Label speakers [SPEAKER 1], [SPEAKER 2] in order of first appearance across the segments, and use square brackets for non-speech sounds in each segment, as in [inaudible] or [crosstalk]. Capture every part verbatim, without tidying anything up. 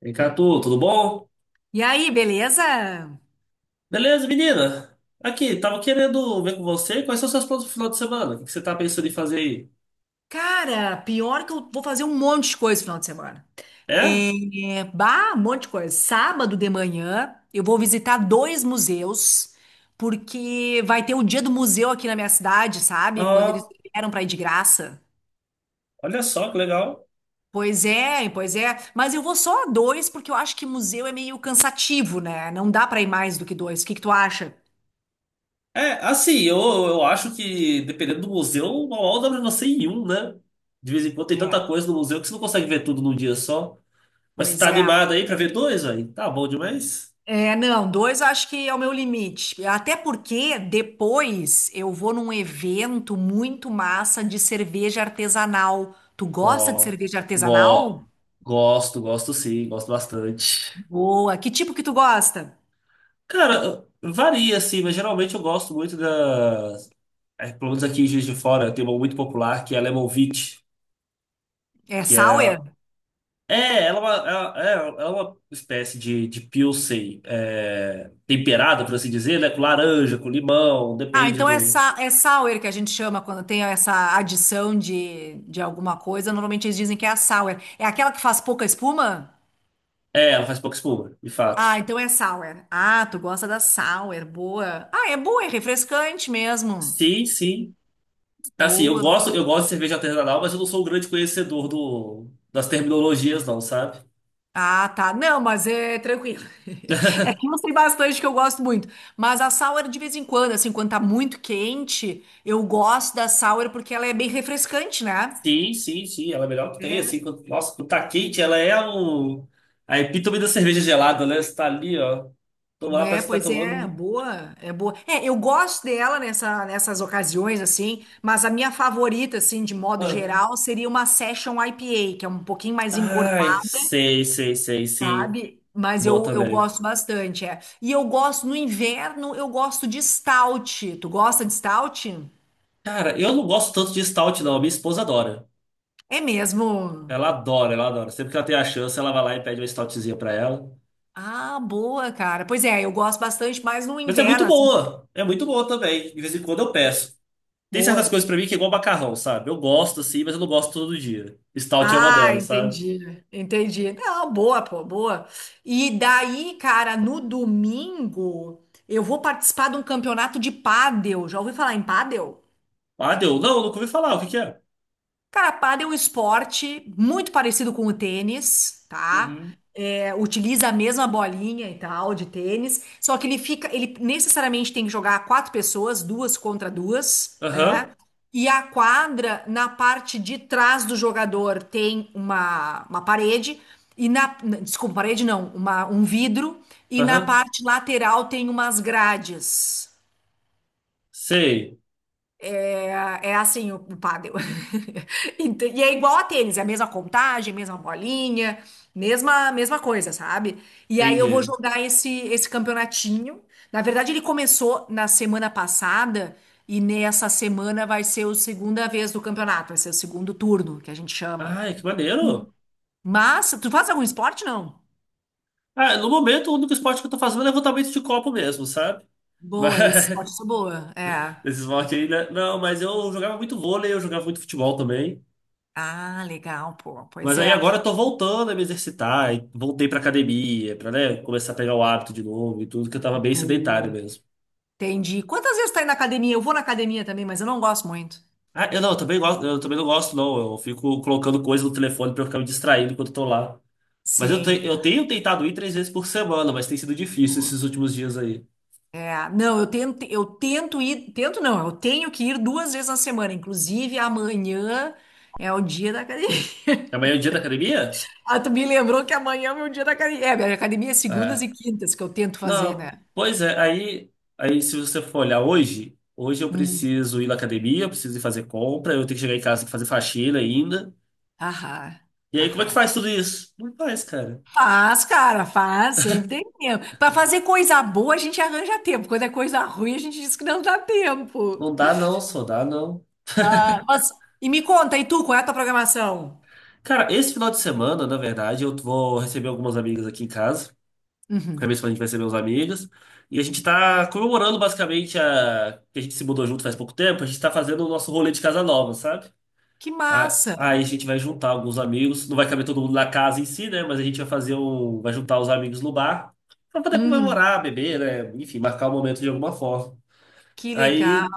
[SPEAKER 1] Vem tu, tudo bom?
[SPEAKER 2] E aí, beleza?
[SPEAKER 1] Beleza, menina? Aqui, tava querendo ver com você quais são seus planos pro final de semana. O que que você tá pensando em fazer aí?
[SPEAKER 2] Cara, pior que eu vou fazer um monte de coisa no final de semana.
[SPEAKER 1] É?
[SPEAKER 2] É, é, bah, um monte de coisa. Sábado de manhã, eu vou visitar dois museus, porque vai ter o dia do museu aqui na minha cidade, sabe? Quando eles
[SPEAKER 1] Ah,
[SPEAKER 2] vieram pra ir de graça.
[SPEAKER 1] olha só que legal.
[SPEAKER 2] Pois é, pois é. Mas eu vou só a dois, porque eu acho que museu é meio cansativo, né? Não dá pra ir mais do que dois. O que que tu acha?
[SPEAKER 1] É, assim, eu, eu acho que dependendo do museu, mal dá pra você ir em um, né? De vez em quando tem
[SPEAKER 2] É,
[SPEAKER 1] tanta coisa no museu que você não consegue ver tudo num dia só. Mas você
[SPEAKER 2] pois
[SPEAKER 1] tá
[SPEAKER 2] é.
[SPEAKER 1] animado aí pra ver dois, aí? Tá bom demais?
[SPEAKER 2] É, não, dois eu acho que é o meu limite. Até porque depois eu vou num evento muito massa de cerveja artesanal. Tu gosta de
[SPEAKER 1] Ó,
[SPEAKER 2] cerveja
[SPEAKER 1] go,
[SPEAKER 2] artesanal?
[SPEAKER 1] gosto, gosto sim, gosto bastante.
[SPEAKER 2] Boa. Que tipo que tu gosta?
[SPEAKER 1] Cara, varia assim, mas geralmente eu gosto muito da é, pelo menos aqui em Juiz de Fora, tem uma muito popular que é a Lemon Wheat,
[SPEAKER 2] É
[SPEAKER 1] que é,
[SPEAKER 2] sour?
[SPEAKER 1] é, ela é uma, ela- é, ela é uma espécie de, de Pilsen é, temperada, por assim dizer, né? Com laranja, com limão,
[SPEAKER 2] Ah,
[SPEAKER 1] depende
[SPEAKER 2] então é,
[SPEAKER 1] do.
[SPEAKER 2] sa é sour que a gente chama quando tem essa adição de, de alguma coisa. Normalmente eles dizem que é a sour. É aquela que faz pouca espuma?
[SPEAKER 1] É, ela faz pouca espuma, de fato.
[SPEAKER 2] Ah, então é sour. Ah, tu gosta da sour. Boa. Ah, é boa, é refrescante mesmo.
[SPEAKER 1] Sim, sim. Assim, eu
[SPEAKER 2] Boa.
[SPEAKER 1] gosto, eu gosto de cerveja artesanal, mas eu não sou um grande conhecedor do, das terminologias, não, sabe?
[SPEAKER 2] Ah, tá. Não, mas é tranquilo. [laughs] É que eu sei bastante que eu gosto muito. Mas a sour, de vez em quando, assim, quando tá muito quente, eu gosto da sour porque ela é bem refrescante, né?
[SPEAKER 1] Sim, sim, sim, ela é a melhor que tem,
[SPEAKER 2] É,
[SPEAKER 1] assim, quando, nossa, quando tá quente, ela é o, a epítome da cerveja gelada, né? Você tá ali, ó, toma lá,
[SPEAKER 2] é,
[SPEAKER 1] parece que tá
[SPEAKER 2] pois é,
[SPEAKER 1] tomando.
[SPEAKER 2] boa, é boa. É, eu gosto dela nessa, nessas ocasiões, assim, mas a minha favorita, assim, de modo
[SPEAKER 1] Aham.
[SPEAKER 2] geral, seria uma Session I P A, que é um pouquinho mais
[SPEAKER 1] Ai,
[SPEAKER 2] encorpada,
[SPEAKER 1] sei, sei, sei, sim,
[SPEAKER 2] sabe? Mas
[SPEAKER 1] boa
[SPEAKER 2] eu, eu
[SPEAKER 1] também.
[SPEAKER 2] gosto bastante, é. E eu gosto, no inverno, eu gosto de stout. Tu gosta de stout?
[SPEAKER 1] Cara, eu não gosto tanto de stout, não, a minha esposa adora,
[SPEAKER 2] É mesmo?
[SPEAKER 1] ela adora, ela adora, sempre que ela tem a chance, ela vai lá e pede uma stoutzinha pra ela,
[SPEAKER 2] Ah, boa, cara. Pois é, eu gosto bastante, mas no
[SPEAKER 1] mas é
[SPEAKER 2] inverno,
[SPEAKER 1] muito
[SPEAKER 2] assim,
[SPEAKER 1] boa, é muito boa também, de vez em quando eu peço. Tem certas
[SPEAKER 2] boa.
[SPEAKER 1] coisas pra mim que é igual macarrão, sabe? Eu gosto, assim, mas eu não gosto todo dia. Stout é uma
[SPEAKER 2] Ah,
[SPEAKER 1] delas, sabe?
[SPEAKER 2] entendi, entendi. Não, boa, pô, boa. E daí, cara, no domingo, eu vou participar de um campeonato de pádel. Já ouviu falar em pádel?
[SPEAKER 1] Ah, deu. Não, nunca ouvi falar. O que que é?
[SPEAKER 2] Cara, pádel é um esporte muito parecido com o tênis, tá?
[SPEAKER 1] Uhum.
[SPEAKER 2] É, utiliza a mesma bolinha e tal de tênis, só que ele fica, ele necessariamente tem que jogar quatro pessoas, duas contra duas, né?
[SPEAKER 1] Aham.
[SPEAKER 2] E a quadra, na parte de trás do jogador, tem uma, uma parede, e na, n- desculpa, parede não, uma, um vidro, e na
[SPEAKER 1] Aham.
[SPEAKER 2] parte lateral tem umas grades.
[SPEAKER 1] Sei.
[SPEAKER 2] Ah, é assim o, o pádel. [laughs] Ent- E é igual a tênis, é a mesma contagem, mesma bolinha, mesma mesma coisa, sabe? E aí eu vou
[SPEAKER 1] Entendi.
[SPEAKER 2] jogar esse esse campeonatinho. Na verdade, ele começou na semana passada e nessa semana vai ser a segunda vez do campeonato, vai ser o segundo turno que a gente chama.
[SPEAKER 1] Ai, que maneiro.
[SPEAKER 2] Mas tu faz algum esporte, não?
[SPEAKER 1] Ah, no momento, o único esporte que eu tô fazendo é levantamento de copo mesmo, sabe? Mas,
[SPEAKER 2] Boa, esse esporte eu
[SPEAKER 1] [laughs]
[SPEAKER 2] sou boa. É.
[SPEAKER 1] esse esporte aí, né? Não, mas eu jogava muito vôlei, eu jogava muito futebol também.
[SPEAKER 2] Ah, legal, pô. Pois
[SPEAKER 1] Mas aí
[SPEAKER 2] é.
[SPEAKER 1] agora eu tô voltando a me exercitar, e voltei pra academia, pra, né, começar a pegar o hábito de novo e tudo, que eu tava bem sedentário
[SPEAKER 2] Boa.
[SPEAKER 1] mesmo.
[SPEAKER 2] Entendi. Quantas vezes tá indo na academia? Eu vou na academia também, mas eu não gosto muito.
[SPEAKER 1] Ah, eu não, eu também gosto, eu também não gosto, não. Eu fico colocando coisa no telefone pra eu ficar me distraindo enquanto eu tô lá. Mas eu, te-
[SPEAKER 2] Sim.
[SPEAKER 1] eu tenho tentado ir três vezes por semana, mas tem sido difícil
[SPEAKER 2] Boa.
[SPEAKER 1] esses últimos dias aí.
[SPEAKER 2] É, não, eu tento, eu tento ir, tento não, eu tenho que ir duas vezes na semana. Inclusive, amanhã é o dia da academia. [laughs]
[SPEAKER 1] Amanhã é o dia da academia?
[SPEAKER 2] Ah, tu me lembrou que amanhã é o meu dia da academia. É, minha academia é segundas
[SPEAKER 1] É.
[SPEAKER 2] e quintas que eu tento fazer,
[SPEAKER 1] Não,
[SPEAKER 2] né?
[SPEAKER 1] pois é. Aí, aí se você for olhar hoje, hoje eu
[SPEAKER 2] Hum.
[SPEAKER 1] preciso ir na academia, eu preciso ir fazer compra, eu tenho que chegar em casa e fazer faxina ainda.
[SPEAKER 2] Aham,
[SPEAKER 1] E aí, como é que
[SPEAKER 2] aham.
[SPEAKER 1] faz tudo isso? Não faz, cara.
[SPEAKER 2] Faz, cara, faz, sempre tem tempo. Pra fazer coisa boa, a gente arranja tempo. Quando é coisa ruim, a gente diz que não dá tempo.
[SPEAKER 1] Não dá não, só dá não.
[SPEAKER 2] Ah, mas, e me conta, e tu, qual é a tua programação?
[SPEAKER 1] Cara, esse final de semana, na verdade, eu vou receber algumas amigas aqui em casa. Acabei
[SPEAKER 2] Uhum.
[SPEAKER 1] de falar, a gente vai ser meus amigos. E a gente tá comemorando basicamente a... que a gente se mudou junto faz pouco tempo. A gente tá fazendo o nosso rolê de casa nova, sabe?
[SPEAKER 2] Que
[SPEAKER 1] A-
[SPEAKER 2] massa!
[SPEAKER 1] Aí a gente vai juntar alguns amigos. Não vai caber todo mundo na casa em si, né? Mas a gente vai fazer um. Vai juntar os amigos no bar pra poder
[SPEAKER 2] Uhum.
[SPEAKER 1] comemorar, beber, né? Enfim, marcar o momento de alguma forma.
[SPEAKER 2] Que legal,
[SPEAKER 1] Aí.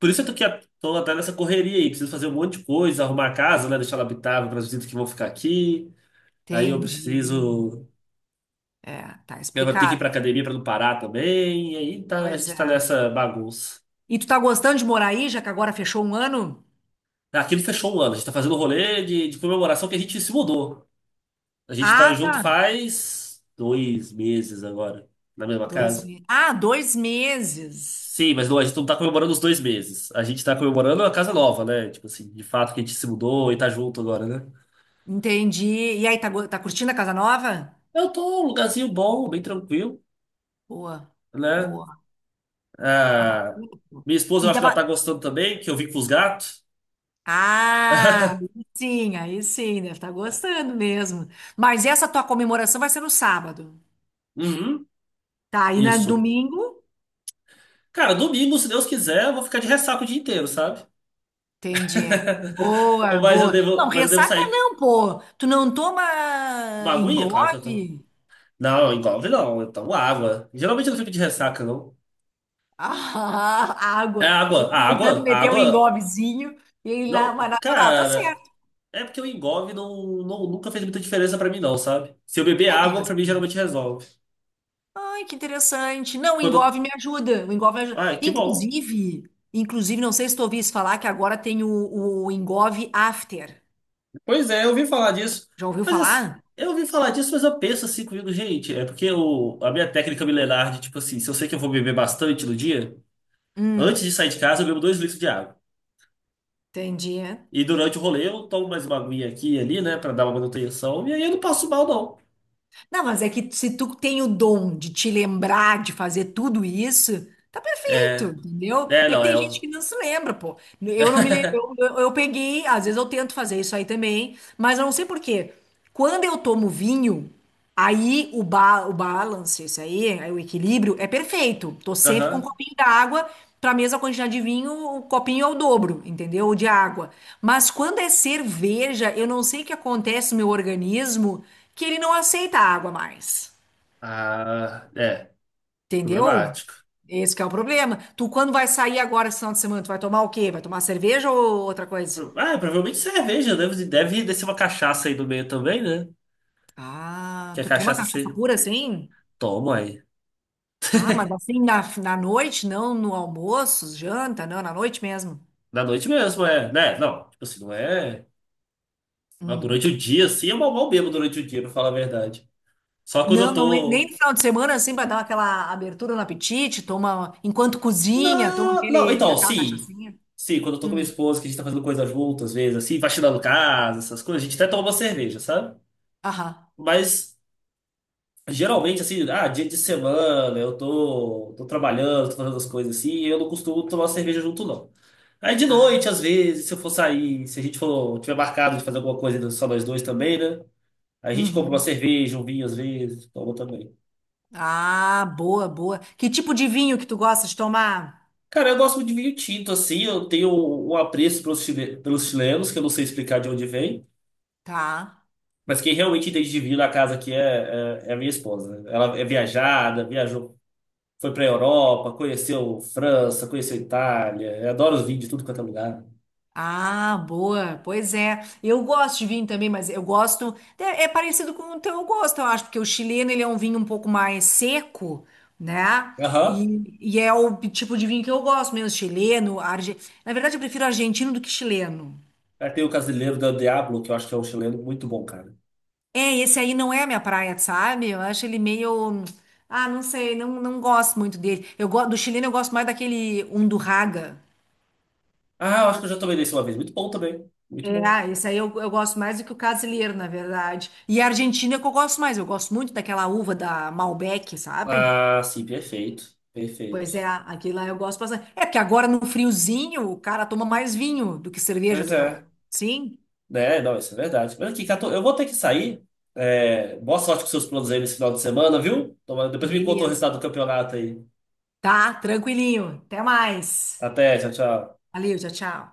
[SPEAKER 1] Por isso eu tô aqui, tô até nessa correria aí. Preciso fazer um monte de coisa, arrumar a casa, né? Deixar ela habitável para as visitas que vão ficar aqui. Aí eu
[SPEAKER 2] entendi.
[SPEAKER 1] preciso
[SPEAKER 2] É, tá
[SPEAKER 1] Eu vou ter que ir
[SPEAKER 2] explicado.
[SPEAKER 1] pra academia pra não parar também. E aí tá, a
[SPEAKER 2] Pois
[SPEAKER 1] gente tá
[SPEAKER 2] é.
[SPEAKER 1] nessa bagunça.
[SPEAKER 2] E tu tá gostando de morar aí, já que agora fechou um ano?
[SPEAKER 1] Aquilo fechou um ano. A gente tá fazendo um rolê de, de comemoração que a gente se mudou. A gente tá
[SPEAKER 2] Ah,
[SPEAKER 1] junto
[SPEAKER 2] tá.
[SPEAKER 1] faz dois meses agora, na mesma
[SPEAKER 2] Dois
[SPEAKER 1] casa.
[SPEAKER 2] meses. Ah, dois meses.
[SPEAKER 1] Sim, mas não, a gente não tá comemorando os dois meses. A gente tá comemorando a casa nova, né? Tipo assim, de fato que a gente se mudou e tá junto agora, né?
[SPEAKER 2] Entendi. E aí, tá, go- tá curtindo a casa nova?
[SPEAKER 1] Eu tô num lugarzinho bom, bem tranquilo,
[SPEAKER 2] Boa,
[SPEAKER 1] né?
[SPEAKER 2] boa. Ah,
[SPEAKER 1] Ah,
[SPEAKER 2] bacana, pô.
[SPEAKER 1] minha esposa, eu
[SPEAKER 2] E
[SPEAKER 1] acho que ela tá
[SPEAKER 2] tava...
[SPEAKER 1] gostando também, que eu vim com os gatos.
[SPEAKER 2] Ah, aí sim, aí sim, deve estar gostando mesmo. Mas essa tua comemoração vai ser no sábado.
[SPEAKER 1] Uhum,
[SPEAKER 2] Tá, e na
[SPEAKER 1] isso.
[SPEAKER 2] domingo?
[SPEAKER 1] Cara, domingo, se Deus quiser, eu vou ficar de ressaca o dia inteiro, sabe?
[SPEAKER 2] Entendi. É.
[SPEAKER 1] [laughs]
[SPEAKER 2] Boa,
[SPEAKER 1] Mas eu
[SPEAKER 2] boa.
[SPEAKER 1] devo,
[SPEAKER 2] Não,
[SPEAKER 1] mas eu devo
[SPEAKER 2] ressaca
[SPEAKER 1] sair com
[SPEAKER 2] não, pô. Tu não toma
[SPEAKER 1] uma aguinha, claro que eu tô.
[SPEAKER 2] engove?
[SPEAKER 1] Não, engolve não, eu tomo água. Geralmente eu não fico de ressaca, não.
[SPEAKER 2] Ah, [laughs]
[SPEAKER 1] É
[SPEAKER 2] água.
[SPEAKER 1] água,
[SPEAKER 2] Eu
[SPEAKER 1] a
[SPEAKER 2] tentando
[SPEAKER 1] água, a
[SPEAKER 2] meter um
[SPEAKER 1] água.
[SPEAKER 2] engovezinho e lá, mas
[SPEAKER 1] Não,
[SPEAKER 2] natural, tá
[SPEAKER 1] cara,
[SPEAKER 2] certo.
[SPEAKER 1] é porque o engolve não, não, nunca fez muita diferença pra mim, não, sabe? Se eu beber
[SPEAKER 2] É
[SPEAKER 1] água, pra mim
[SPEAKER 2] mesmo.
[SPEAKER 1] geralmente resolve.
[SPEAKER 2] Ai, que interessante. Não, o
[SPEAKER 1] Quando.
[SPEAKER 2] engove me ajuda. O engove me ajuda.
[SPEAKER 1] Ah, que bom.
[SPEAKER 2] Inclusive, inclusive, não sei se tu ouviste falar que agora tem o, o engove after.
[SPEAKER 1] Pois é, eu ouvi falar disso.
[SPEAKER 2] Já ouviu
[SPEAKER 1] Mas assim,
[SPEAKER 2] falar?
[SPEAKER 1] eu ouvi falar disso, mas eu penso assim comigo, gente. É porque o, a minha técnica milenar de, tipo assim, se eu sei que eu vou beber bastante no dia. Antes
[SPEAKER 2] Hum,
[SPEAKER 1] de sair de casa, eu bebo dois litros de água.
[SPEAKER 2] entendi.
[SPEAKER 1] E durante o rolê, eu tomo mais uma aguinha aqui e ali, né, pra dar uma manutenção. E aí eu não passo mal, não.
[SPEAKER 2] Não, mas é que se tu tem o dom de te lembrar de fazer tudo isso, tá perfeito,
[SPEAKER 1] É.
[SPEAKER 2] entendeu?
[SPEAKER 1] É,
[SPEAKER 2] É que
[SPEAKER 1] não, é.
[SPEAKER 2] tem gente que
[SPEAKER 1] o-
[SPEAKER 2] não se lembra, pô. Eu não me lembro, eu, eu- eu peguei, às vezes eu tento fazer isso aí também, mas eu não sei por quê. Quando eu tomo vinho, aí o, ba, o balance, isso aí, aí o equilíbrio é perfeito. Tô sempre com um
[SPEAKER 1] Aham.
[SPEAKER 2] copinho d'água, pra mesma quantidade de vinho, o copinho é o dobro, entendeu? De água. Mas quando é cerveja, eu não sei o que acontece no meu organismo que ele não aceita água mais.
[SPEAKER 1] Ah, é.
[SPEAKER 2] Entendeu?
[SPEAKER 1] Problemático.
[SPEAKER 2] Esse que é o problema. Tu, quando vai sair agora esse final de semana, tu vai tomar o quê? Vai tomar cerveja ou outra coisa?
[SPEAKER 1] Ah, provavelmente cerveja. Deve, deve descer uma cachaça aí no meio também, né?
[SPEAKER 2] Ah,
[SPEAKER 1] Que a
[SPEAKER 2] tu toma
[SPEAKER 1] cachaça
[SPEAKER 2] cachaça
[SPEAKER 1] você
[SPEAKER 2] pura assim?
[SPEAKER 1] toma aí.
[SPEAKER 2] Ah, mas assim na, na noite, não no almoço, janta, não, na noite mesmo.
[SPEAKER 1] Na noite mesmo, é. Né? Não, tipo assim, não é. Mas
[SPEAKER 2] Hum.
[SPEAKER 1] durante o dia, assim, eu mal mal bebo durante o dia, pra falar a verdade. Só quando eu
[SPEAKER 2] Não, não, nem nem
[SPEAKER 1] tô.
[SPEAKER 2] no final de semana assim para dar aquela abertura no apetite, toma enquanto cozinha, toma
[SPEAKER 1] Não, não,
[SPEAKER 2] aquele,
[SPEAKER 1] então,
[SPEAKER 2] aquela
[SPEAKER 1] sim.
[SPEAKER 2] cachaçinha.
[SPEAKER 1] Sim, quando eu tô com minha
[SPEAKER 2] Hum.
[SPEAKER 1] esposa, que a gente tá fazendo coisa junto, às vezes, assim, faxinando casa, essas coisas, a gente até toma uma cerveja, sabe?
[SPEAKER 2] Aham.
[SPEAKER 1] Mas, geralmente, assim, ah, dia de semana, eu tô, tô trabalhando, tô fazendo as coisas assim, e eu não costumo tomar cerveja junto, não. Aí, de noite,
[SPEAKER 2] Ah.
[SPEAKER 1] às vezes, se eu for sair, se a gente for, tiver marcado de fazer alguma coisa só nós dois também, né? A gente compra uma
[SPEAKER 2] Uhum.
[SPEAKER 1] cerveja, um vinho, às vezes, toma também.
[SPEAKER 2] Ah, boa, boa. Que tipo de vinho que tu gosta de tomar?
[SPEAKER 1] Cara, eu gosto muito de vinho tinto, assim, eu tenho um apreço pelos chile- pelos chilenos, que eu não sei explicar de onde vem.
[SPEAKER 2] Tá.
[SPEAKER 1] Mas quem realmente entende de vinho na casa aqui é, é, é a minha esposa. Ela é viajada, viajou, foi pra Europa, conheceu França, conheceu Itália. Adora os vinhos de tudo quanto é lugar.
[SPEAKER 2] Ah, boa. Pois é. Eu gosto de vinho também, mas eu gosto. É, é parecido com o teu gosto, eu acho, porque o chileno ele é um vinho um pouco mais seco, né?
[SPEAKER 1] Aham.
[SPEAKER 2] E, e é o tipo de vinho que eu gosto mesmo, chileno, arge... Na verdade, eu prefiro argentino do que chileno.
[SPEAKER 1] Aí, tem o Casileiro da Diablo, que eu acho que é um chileno muito bom, cara.
[SPEAKER 2] É, esse aí não é a minha praia, sabe? Eu acho ele meio. Ah, não sei, não, não gosto muito dele. Eu gosto do chileno, eu gosto mais daquele Undurraga.
[SPEAKER 1] Ah, eu acho que eu já tomei desse uma vez. Muito bom também. Muito
[SPEAKER 2] É,
[SPEAKER 1] bom.
[SPEAKER 2] ah, esse aí eu, eu gosto mais do que o Casilheiro, na verdade. E a Argentina é que eu gosto mais. Eu gosto muito daquela uva da Malbec, sabe?
[SPEAKER 1] Ah, sim, perfeito.
[SPEAKER 2] Pois
[SPEAKER 1] Perfeito.
[SPEAKER 2] é, aquilo lá eu gosto bastante. É porque agora no friozinho o cara toma mais vinho do que cerveja,
[SPEAKER 1] Pois
[SPEAKER 2] tu não?
[SPEAKER 1] é.
[SPEAKER 2] Sim?
[SPEAKER 1] É, não, isso é verdade. Mas aqui, Cato, eu vou ter que sair. É, boa sorte com seus planos aí nesse final de semana, viu? Toma- Depois me conta o
[SPEAKER 2] Beleza.
[SPEAKER 1] resultado do campeonato aí.
[SPEAKER 2] Tá, tranquilinho. Até mais.
[SPEAKER 1] Até, tchau, tchau.
[SPEAKER 2] Valeu, tchau, tchau.